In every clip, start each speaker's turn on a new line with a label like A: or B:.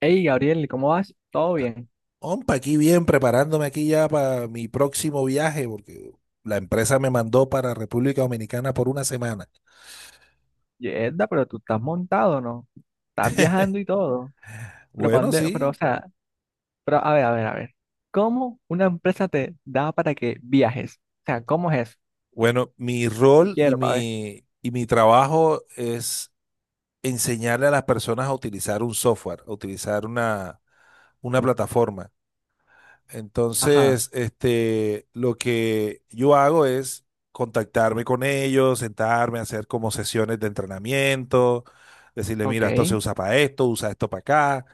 A: Hey, Gabriel, ¿cómo vas? ¿Todo bien?
B: Ompa, aquí bien, preparándome aquí ya para mi próximo viaje, porque la empresa me mandó para República Dominicana por una semana.
A: Yerda, pero tú estás montado, ¿no? Estás viajando y todo. Pero, ¿pa'
B: Bueno,
A: dónde- pero, o
B: sí.
A: sea, pero, a ver, a ver. ¿Cómo una empresa te da para que viajes? O sea, ¿cómo es eso?
B: Bueno, mi
A: Yo
B: rol y
A: quiero, para ver.
B: mi, y mi trabajo es enseñarle a las personas a utilizar un software, a utilizar una plataforma.
A: Ajá,
B: Entonces, lo que yo hago es contactarme con ellos, sentarme, hacer como sesiones de entrenamiento, decirle, mira, esto se
A: ok,
B: usa para esto, usa esto para acá.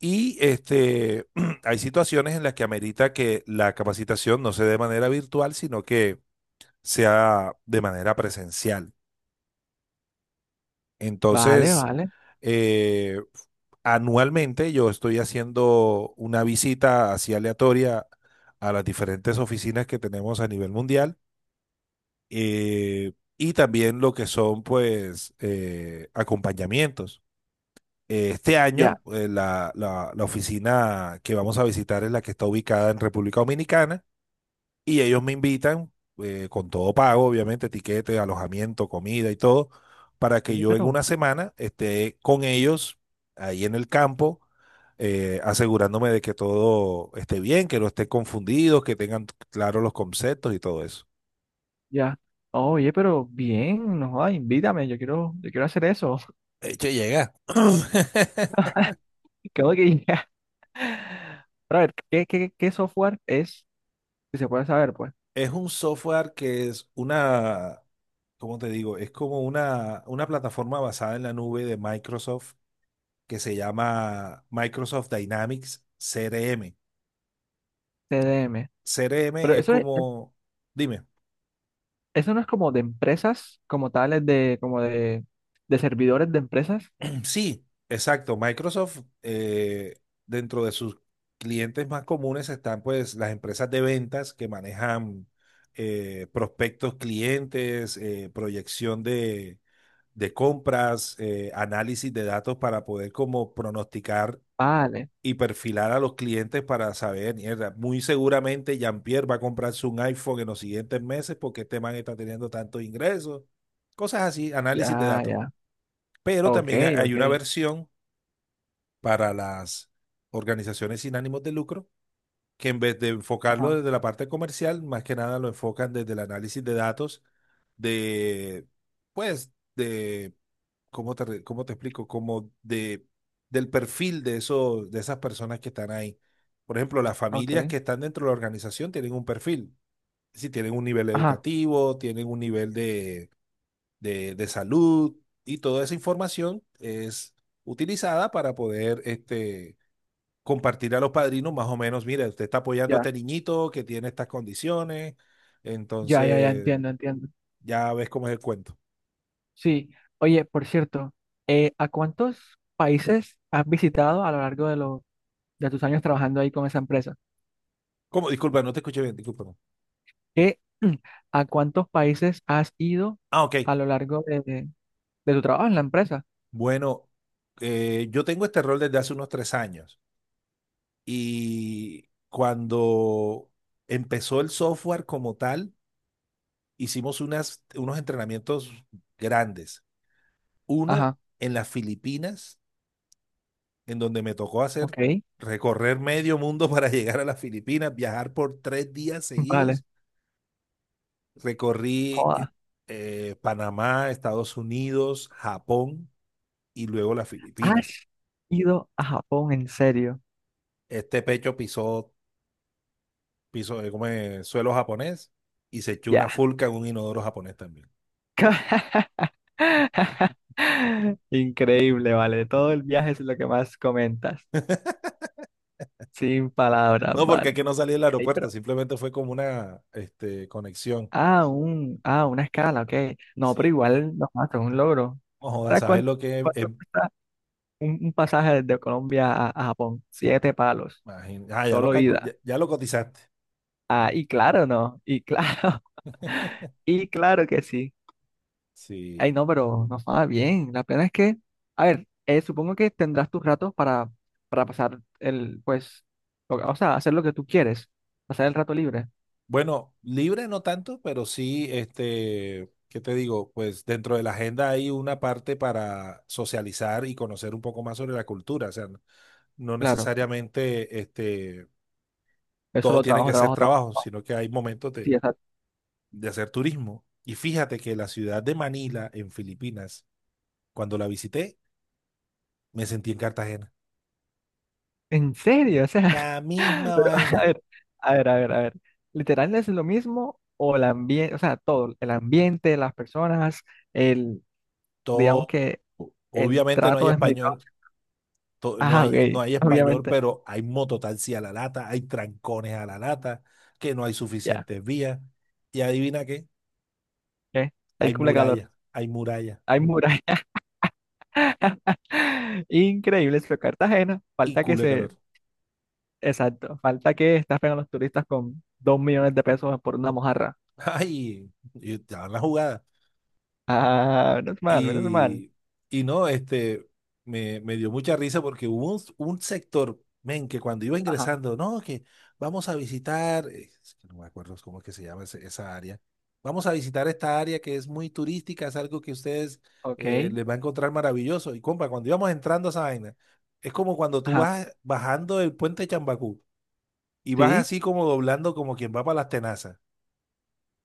B: Y hay situaciones en las que amerita que la capacitación no sea de manera virtual, sino que sea de manera presencial.
A: vale,
B: Entonces,
A: vale.
B: eh, anualmente yo estoy haciendo una visita así aleatoria a las diferentes oficinas que tenemos a nivel mundial eh, y también lo que son pues acompañamientos. Este
A: Ya,
B: año, la oficina que vamos a visitar es la que está ubicada en República Dominicana y ellos me invitan, con todo pago, obviamente, tiquete, alojamiento, comida y todo, para que
A: oye,
B: yo en
A: pero,
B: una semana esté con ellos ahí en el campo, asegurándome de que todo esté bien, que no esté confundido, que tengan claros los conceptos y todo eso.
A: ya. Oye, pero bien, no jodas, invítame, yo quiero hacer eso.
B: De hecho, llega.
A: Creo que ya. Pero a ver, ¿qué software es? Si se puede saber, pues.
B: Es un software que es una, ¿cómo te digo? Es como una plataforma basada en la nube de Microsoft que se llama Microsoft Dynamics CRM.
A: CDM.
B: C R M
A: Pero
B: es
A: eso es.
B: como, dime,
A: Eso no es como de empresas, como tales de servidores de empresas.
B: sí, exacto, Microsoft dentro de sus clientes más comunes están pues las empresas de ventas que manejan prospectos clientes, proyección de compras, análisis de datos para poder como pronosticar
A: Vale,
B: y perfilar a los clientes para saber, mierda, muy seguramente Jean-Pierre va a comprarse un iPhone en los siguientes meses porque este man está teniendo tantos ingresos, cosas así, análisis de
A: ya,
B: datos.
A: ya.
B: Pero
A: Ok,
B: también hay
A: ok.
B: una versión para las organizaciones sin ánimos de lucro, que en vez de enfocarlo
A: Ajá,
B: desde la parte comercial, más que nada lo enfocan desde el análisis de datos de, pues, de, ¿cómo te, cómo te explico? Como de, del perfil de eso, de esas personas que están ahí. Por ejemplo, las familias
A: ok.
B: que están dentro de la organización tienen un perfil. Si tienen un nivel
A: Ajá,
B: educativo, tienen un nivel de de salud y toda esa información es utilizada para poder compartir a los padrinos más o menos, mira, usted está apoyando a
A: ya,
B: este niñito que tiene estas condiciones,
A: ya,
B: entonces
A: entiendo, entiendo.
B: ya ves cómo es el cuento.
A: Sí, oye, por cierto, ¿a cuántos países has visitado a lo largo de, los de tus años trabajando ahí con esa empresa?
B: ¿Cómo? Disculpa, no te escuché bien, disculpa. No.
A: ¿Qué, a cuántos países has ido
B: Ah, ok.
A: a lo largo de tu trabajo en la empresa?
B: Bueno, yo tengo este rol desde hace unos tres años y cuando empezó el software como tal, hicimos unos entrenamientos grandes uno
A: Ajá,
B: en las Filipinas, en donde me tocó hacer
A: ok,
B: recorrer medio mundo para llegar a las Filipinas, viajar por tres días
A: vale.
B: seguidos. Recorrí Panamá, Estados Unidos, Japón y luego las Filipinas.
A: ¿Has ido a Japón en serio?
B: Este pecho pisó, piso como suelo japonés y se echó una
A: Ya.
B: fulca en un inodoro japonés también.
A: Increíble, vale. Todo el viaje es lo que más comentas. Sin palabras,
B: No, porque es
A: vale.
B: que no salí del
A: Ey,
B: aeropuerto,
A: pero...
B: simplemente fue como una conexión.
A: Ah, una escala, ok. No,
B: Sí,
A: pero igual no mato, es un logro.
B: no jodas,
A: ¿Sabes
B: ¿sabes
A: cuánto,
B: lo que es?
A: ¿cuánto cuesta un pasaje desde Colombia a Japón? Siete palos.
B: Ah, ya
A: Solo
B: ya,
A: ida.
B: ya lo cotizaste.
A: Ah, y claro, no. Y claro, y claro que sí. Ay,
B: Sí.
A: no, pero no estaba bien. La pena es que, a ver, supongo que tendrás tus ratos para pasar el, pues, hacer lo que tú quieres, pasar el rato libre.
B: Bueno, libre no tanto, pero sí, ¿qué te digo? Pues dentro de la agenda hay una parte para socializar y conocer un poco más sobre la cultura. O sea, no
A: Claro,
B: necesariamente
A: eso
B: todo
A: lo
B: tiene
A: trabajo,
B: que ser
A: trabajo, trabajo.
B: trabajo, sino que hay momentos
A: Sí, exacto.
B: de hacer turismo. Y fíjate que la ciudad de Manila, en Filipinas, cuando la visité, me sentí en Cartagena.
A: ¿En serio? O sea,
B: La misma
A: pero, a
B: vaina.
A: ver, a ver. ¿Literal es lo mismo o el ambiente, o sea, todo, el ambiente, las personas, el, digamos
B: Todo.
A: que el
B: Obviamente no hay
A: trato es medicado?
B: español. No
A: Ah, ok,
B: hay, no hay español,
A: obviamente,
B: pero hay mototaxi a la lata, hay trancones a la lata, que no hay
A: ya,
B: suficientes vías. Y adivina qué,
A: eh, hay culo de calor,
B: hay murallas
A: hay muralla. Increíble, pero Cartagena,
B: y
A: falta que
B: culo de
A: se,
B: calor.
A: exacto, falta que estafen a los turistas con 2 millones de pesos por una mojarra.
B: Ay, y te van la jugada.
A: Ah, menos mal, menos mal.
B: Y, y no, me dio mucha risa porque hubo un sector, men, que cuando iba
A: Ajá,
B: ingresando, no, que vamos a visitar, es que no me acuerdo cómo es que se llama esa área, vamos a visitar esta área que es muy turística, es algo que ustedes
A: ok,
B: les va a encontrar maravilloso. Y compa, cuando íbamos entrando a esa vaina, es como cuando tú
A: ajá,
B: vas bajando el puente de Chambacú y vas
A: sí,
B: así como doblando como quien va para las tenazas,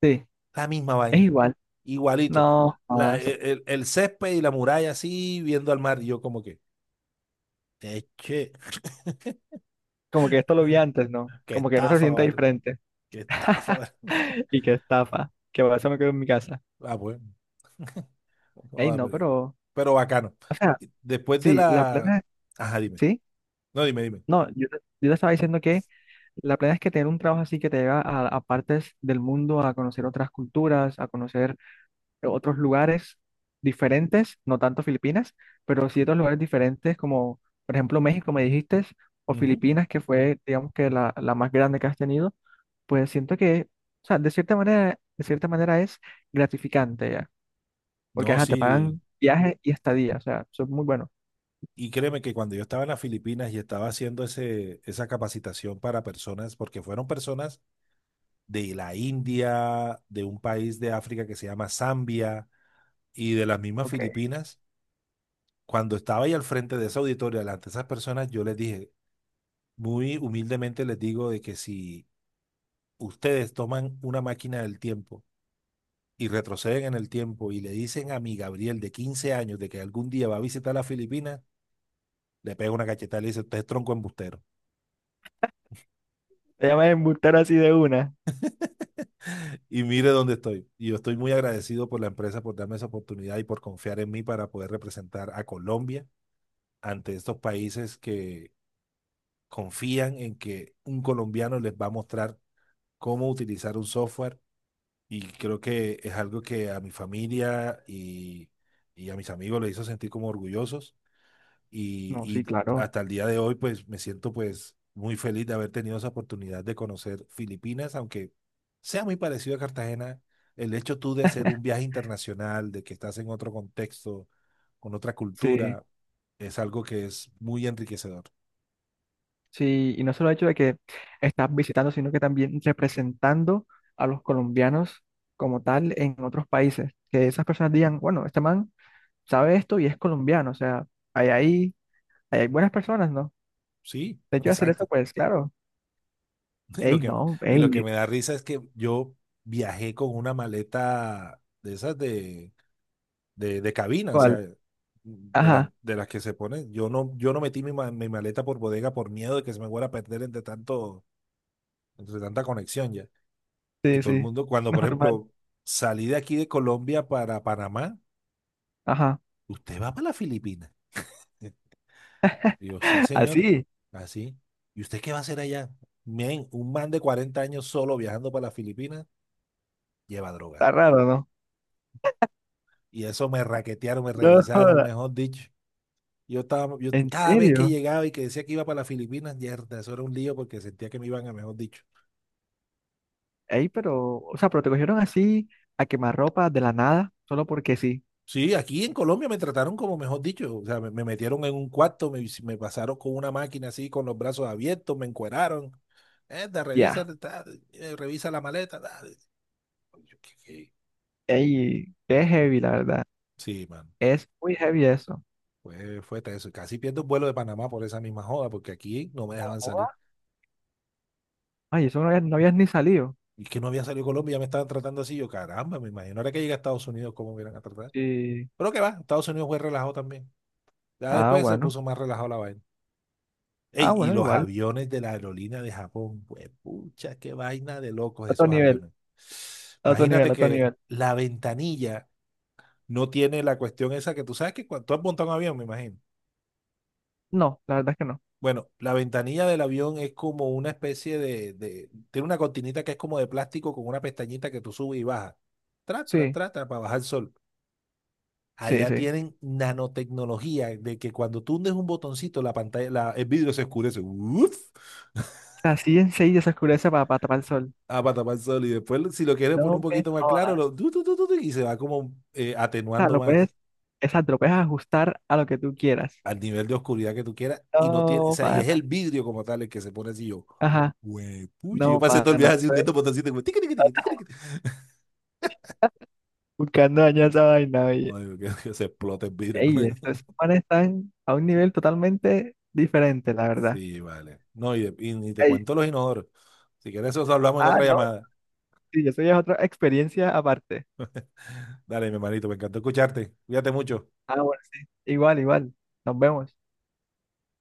A: sí,
B: la misma
A: es
B: vaina
A: igual,
B: igualito.
A: no
B: La-
A: más.
B: el, el césped y la muralla así, viendo al mar. Y yo como que, che,
A: Como que esto lo vi antes, ¿no?
B: qué
A: Como que no se
B: estafa,
A: sienta
B: vale.
A: diferente.
B: Qué estafa, vale.
A: Y que estafa, que por eso me quedo en mi casa.
B: Ah, pues,
A: Ey,
B: vamos a
A: no,
B: por ahí.
A: pero,
B: Pero bacano.
A: o sea,
B: Y después de
A: sí, la
B: la...
A: plena,
B: Ajá, dime.
A: sí,
B: No, dime, dime.
A: no, yo te estaba diciendo que la plena es que tener un trabajo así que te lleva a partes del mundo, a conocer otras culturas, a conocer otros lugares diferentes, no tanto Filipinas, pero sí otros lugares diferentes como, por ejemplo, México, me dijiste, o
B: Ujú.
A: Filipinas, que fue, digamos que la más grande que has tenido, pues siento que, o sea, de cierta manera es gratificante ya, porque
B: No,
A: ajá, te
B: sí.
A: pagan viaje y estadía, o sea, eso es muy bueno.
B: Y créeme que cuando yo estaba en las Filipinas y estaba haciendo esa capacitación para personas, porque fueron personas de la India, de un país de África que se llama Zambia y de las mismas
A: Ok.
B: Filipinas. Cuando estaba ahí al frente de esa auditoria, delante de esas personas, yo les dije, muy humildemente les digo de que si ustedes toman una máquina del tiempo y retroceden en el tiempo y le dicen a mi Gabriel de 15 años de que algún día va a visitar las Filipinas, le pego una cachetada y le dice, usted es tronco embustero.
A: Te llaman embustero así de una.
B: Y mire dónde estoy. Y yo estoy muy agradecido por la empresa por darme esa oportunidad y por confiar en mí para poder representar a Colombia ante estos países que confían en que un colombiano les va a mostrar cómo utilizar un software y creo que es algo que a mi familia y a mis amigos les hizo sentir como orgullosos
A: No,
B: y,
A: sí,
B: y
A: claro.
B: hasta el día de hoy pues me siento pues muy feliz de haber tenido esa oportunidad de conocer Filipinas, aunque sea muy parecido a Cartagena, el hecho tú de hacer un viaje internacional, de que estás en otro contexto, con otra
A: Sí.
B: cultura, es algo que es muy enriquecedor.
A: Sí, y no solo el hecho de que estás visitando, sino que también representando a los colombianos como tal en otros países. Que esas personas digan, bueno, este man sabe esto y es colombiano, o sea, hay ahí, ahí hay buenas personas, ¿no?
B: Sí,
A: De hecho, hacer eso,
B: exacto.
A: pues claro,
B: Y lo
A: ey,
B: que,
A: no,
B: y lo que
A: ey,
B: me da risa es que yo viajé con una maleta de esas de cabina, o sea,
A: ¿cuál?
B: de,
A: Ajá,
B: de las que se ponen. Yo no metí mi, mi maleta por bodega por miedo de que se me fuera a perder entre tanto, entre tanta conexión ya. Y
A: sí,
B: todo el
A: sí,
B: mundo, cuando por
A: normal,
B: ejemplo salí de aquí de Colombia para Panamá,
A: ajá,
B: usted va para las Filipinas. Y yo, sí, señor,
A: así,
B: así. ¿Y usted qué va a hacer allá? Men, un man de 40 años solo viajando para las Filipinas lleva droga.
A: está raro, ¿no?
B: Y eso me raquetearon, me
A: No,
B: revisaron,
A: joda,
B: mejor dicho. Yo estaba, yo
A: en
B: cada vez que
A: serio,
B: llegaba y que decía que iba para las Filipinas, yerda, eso era un lío porque sentía que me iban a mejor dicho.
A: ey, pero, o sea, pero te cogieron así a quemarropa de la nada, solo porque sí,
B: Sí, aquí en Colombia me trataron como mejor dicho, o sea, me metieron en un cuarto, me pasaron con una máquina así, con los brazos abiertos, me encueraron. Erda, revisa,
A: ya.
B: ta, revisa la maleta. Ta. Yo, ¿qué?
A: Ey, qué heavy, la verdad.
B: Sí, man,
A: Es muy heavy eso.
B: fue eso. Casi pierdo un vuelo de Panamá por esa misma joda, porque aquí no me dejaban salir.
A: Joda. Ay, eso no habías, no habías ni salido.
B: Y que no había salido Colombia, ya me estaban tratando así. Yo, caramba, me imagino. Ahora que llega a Estados Unidos, ¿cómo me iban a tratar?
A: Sí.
B: Pero que va, Estados Unidos fue relajado también. Ya
A: Ah,
B: después se
A: bueno.
B: puso más relajado la vaina.
A: Ah,
B: Ey, y
A: bueno,
B: los
A: igual.
B: aviones de la aerolínea de Japón, pues, pucha, qué vaina de locos
A: Otro
B: esos
A: nivel,
B: aviones. Imagínate
A: otro
B: que
A: nivel.
B: la ventanilla no tiene la cuestión esa que tú sabes que cuando tú has montado un avión, me imagino.
A: No, la verdad es que no.
B: Bueno, la ventanilla del avión es como una especie de, tiene una cortinita que es como de plástico con una pestañita que tú subes y bajas. Tra, tra,
A: Sí,
B: tra, tra, para bajar el sol.
A: sí,
B: Allá
A: sí. O
B: tienen nanotecnología de que cuando tú hundes un botoncito, el vidrio se oscurece. Uf,
A: sea, así enseguida se oscurece para tapar el sol.
B: a patapal sol. Y después, si lo quieres poner
A: No
B: un
A: me
B: poquito más claro,
A: jodas.
B: lo, tu, y se va como
A: O sea,
B: atenuando
A: lo
B: más
A: puedes, exacto, lo puedes ajustar a lo que tú quieras.
B: al nivel de oscuridad que tú quieras. Y no tiene, o
A: No,
B: sea, y es el
A: pana.
B: vidrio como tal el que se pone así yo.
A: Ajá,
B: Güey, puchi, yo
A: no,
B: pasé todo el
A: pana.
B: viaje así
A: Eso es
B: hundiendo botoncito. Y como, tiqui, tiqui, tiqui, tiqui, tiqui.
A: buscando dañar esa vaina, oye.
B: No, digo, que se explote el vidrio.
A: Ey, estos esos están a un nivel totalmente diferente, la verdad.
B: Sí, vale. No, y te
A: Ey,
B: cuento los inodoros. Si quieres, eso hablamos en
A: ah,
B: otra
A: no,
B: llamada.
A: sí, eso ya es otra experiencia aparte.
B: Dale, mi hermanito, me encantó escucharte. Cuídate mucho.
A: Ah, bueno, sí. Igual, igual. Nos vemos.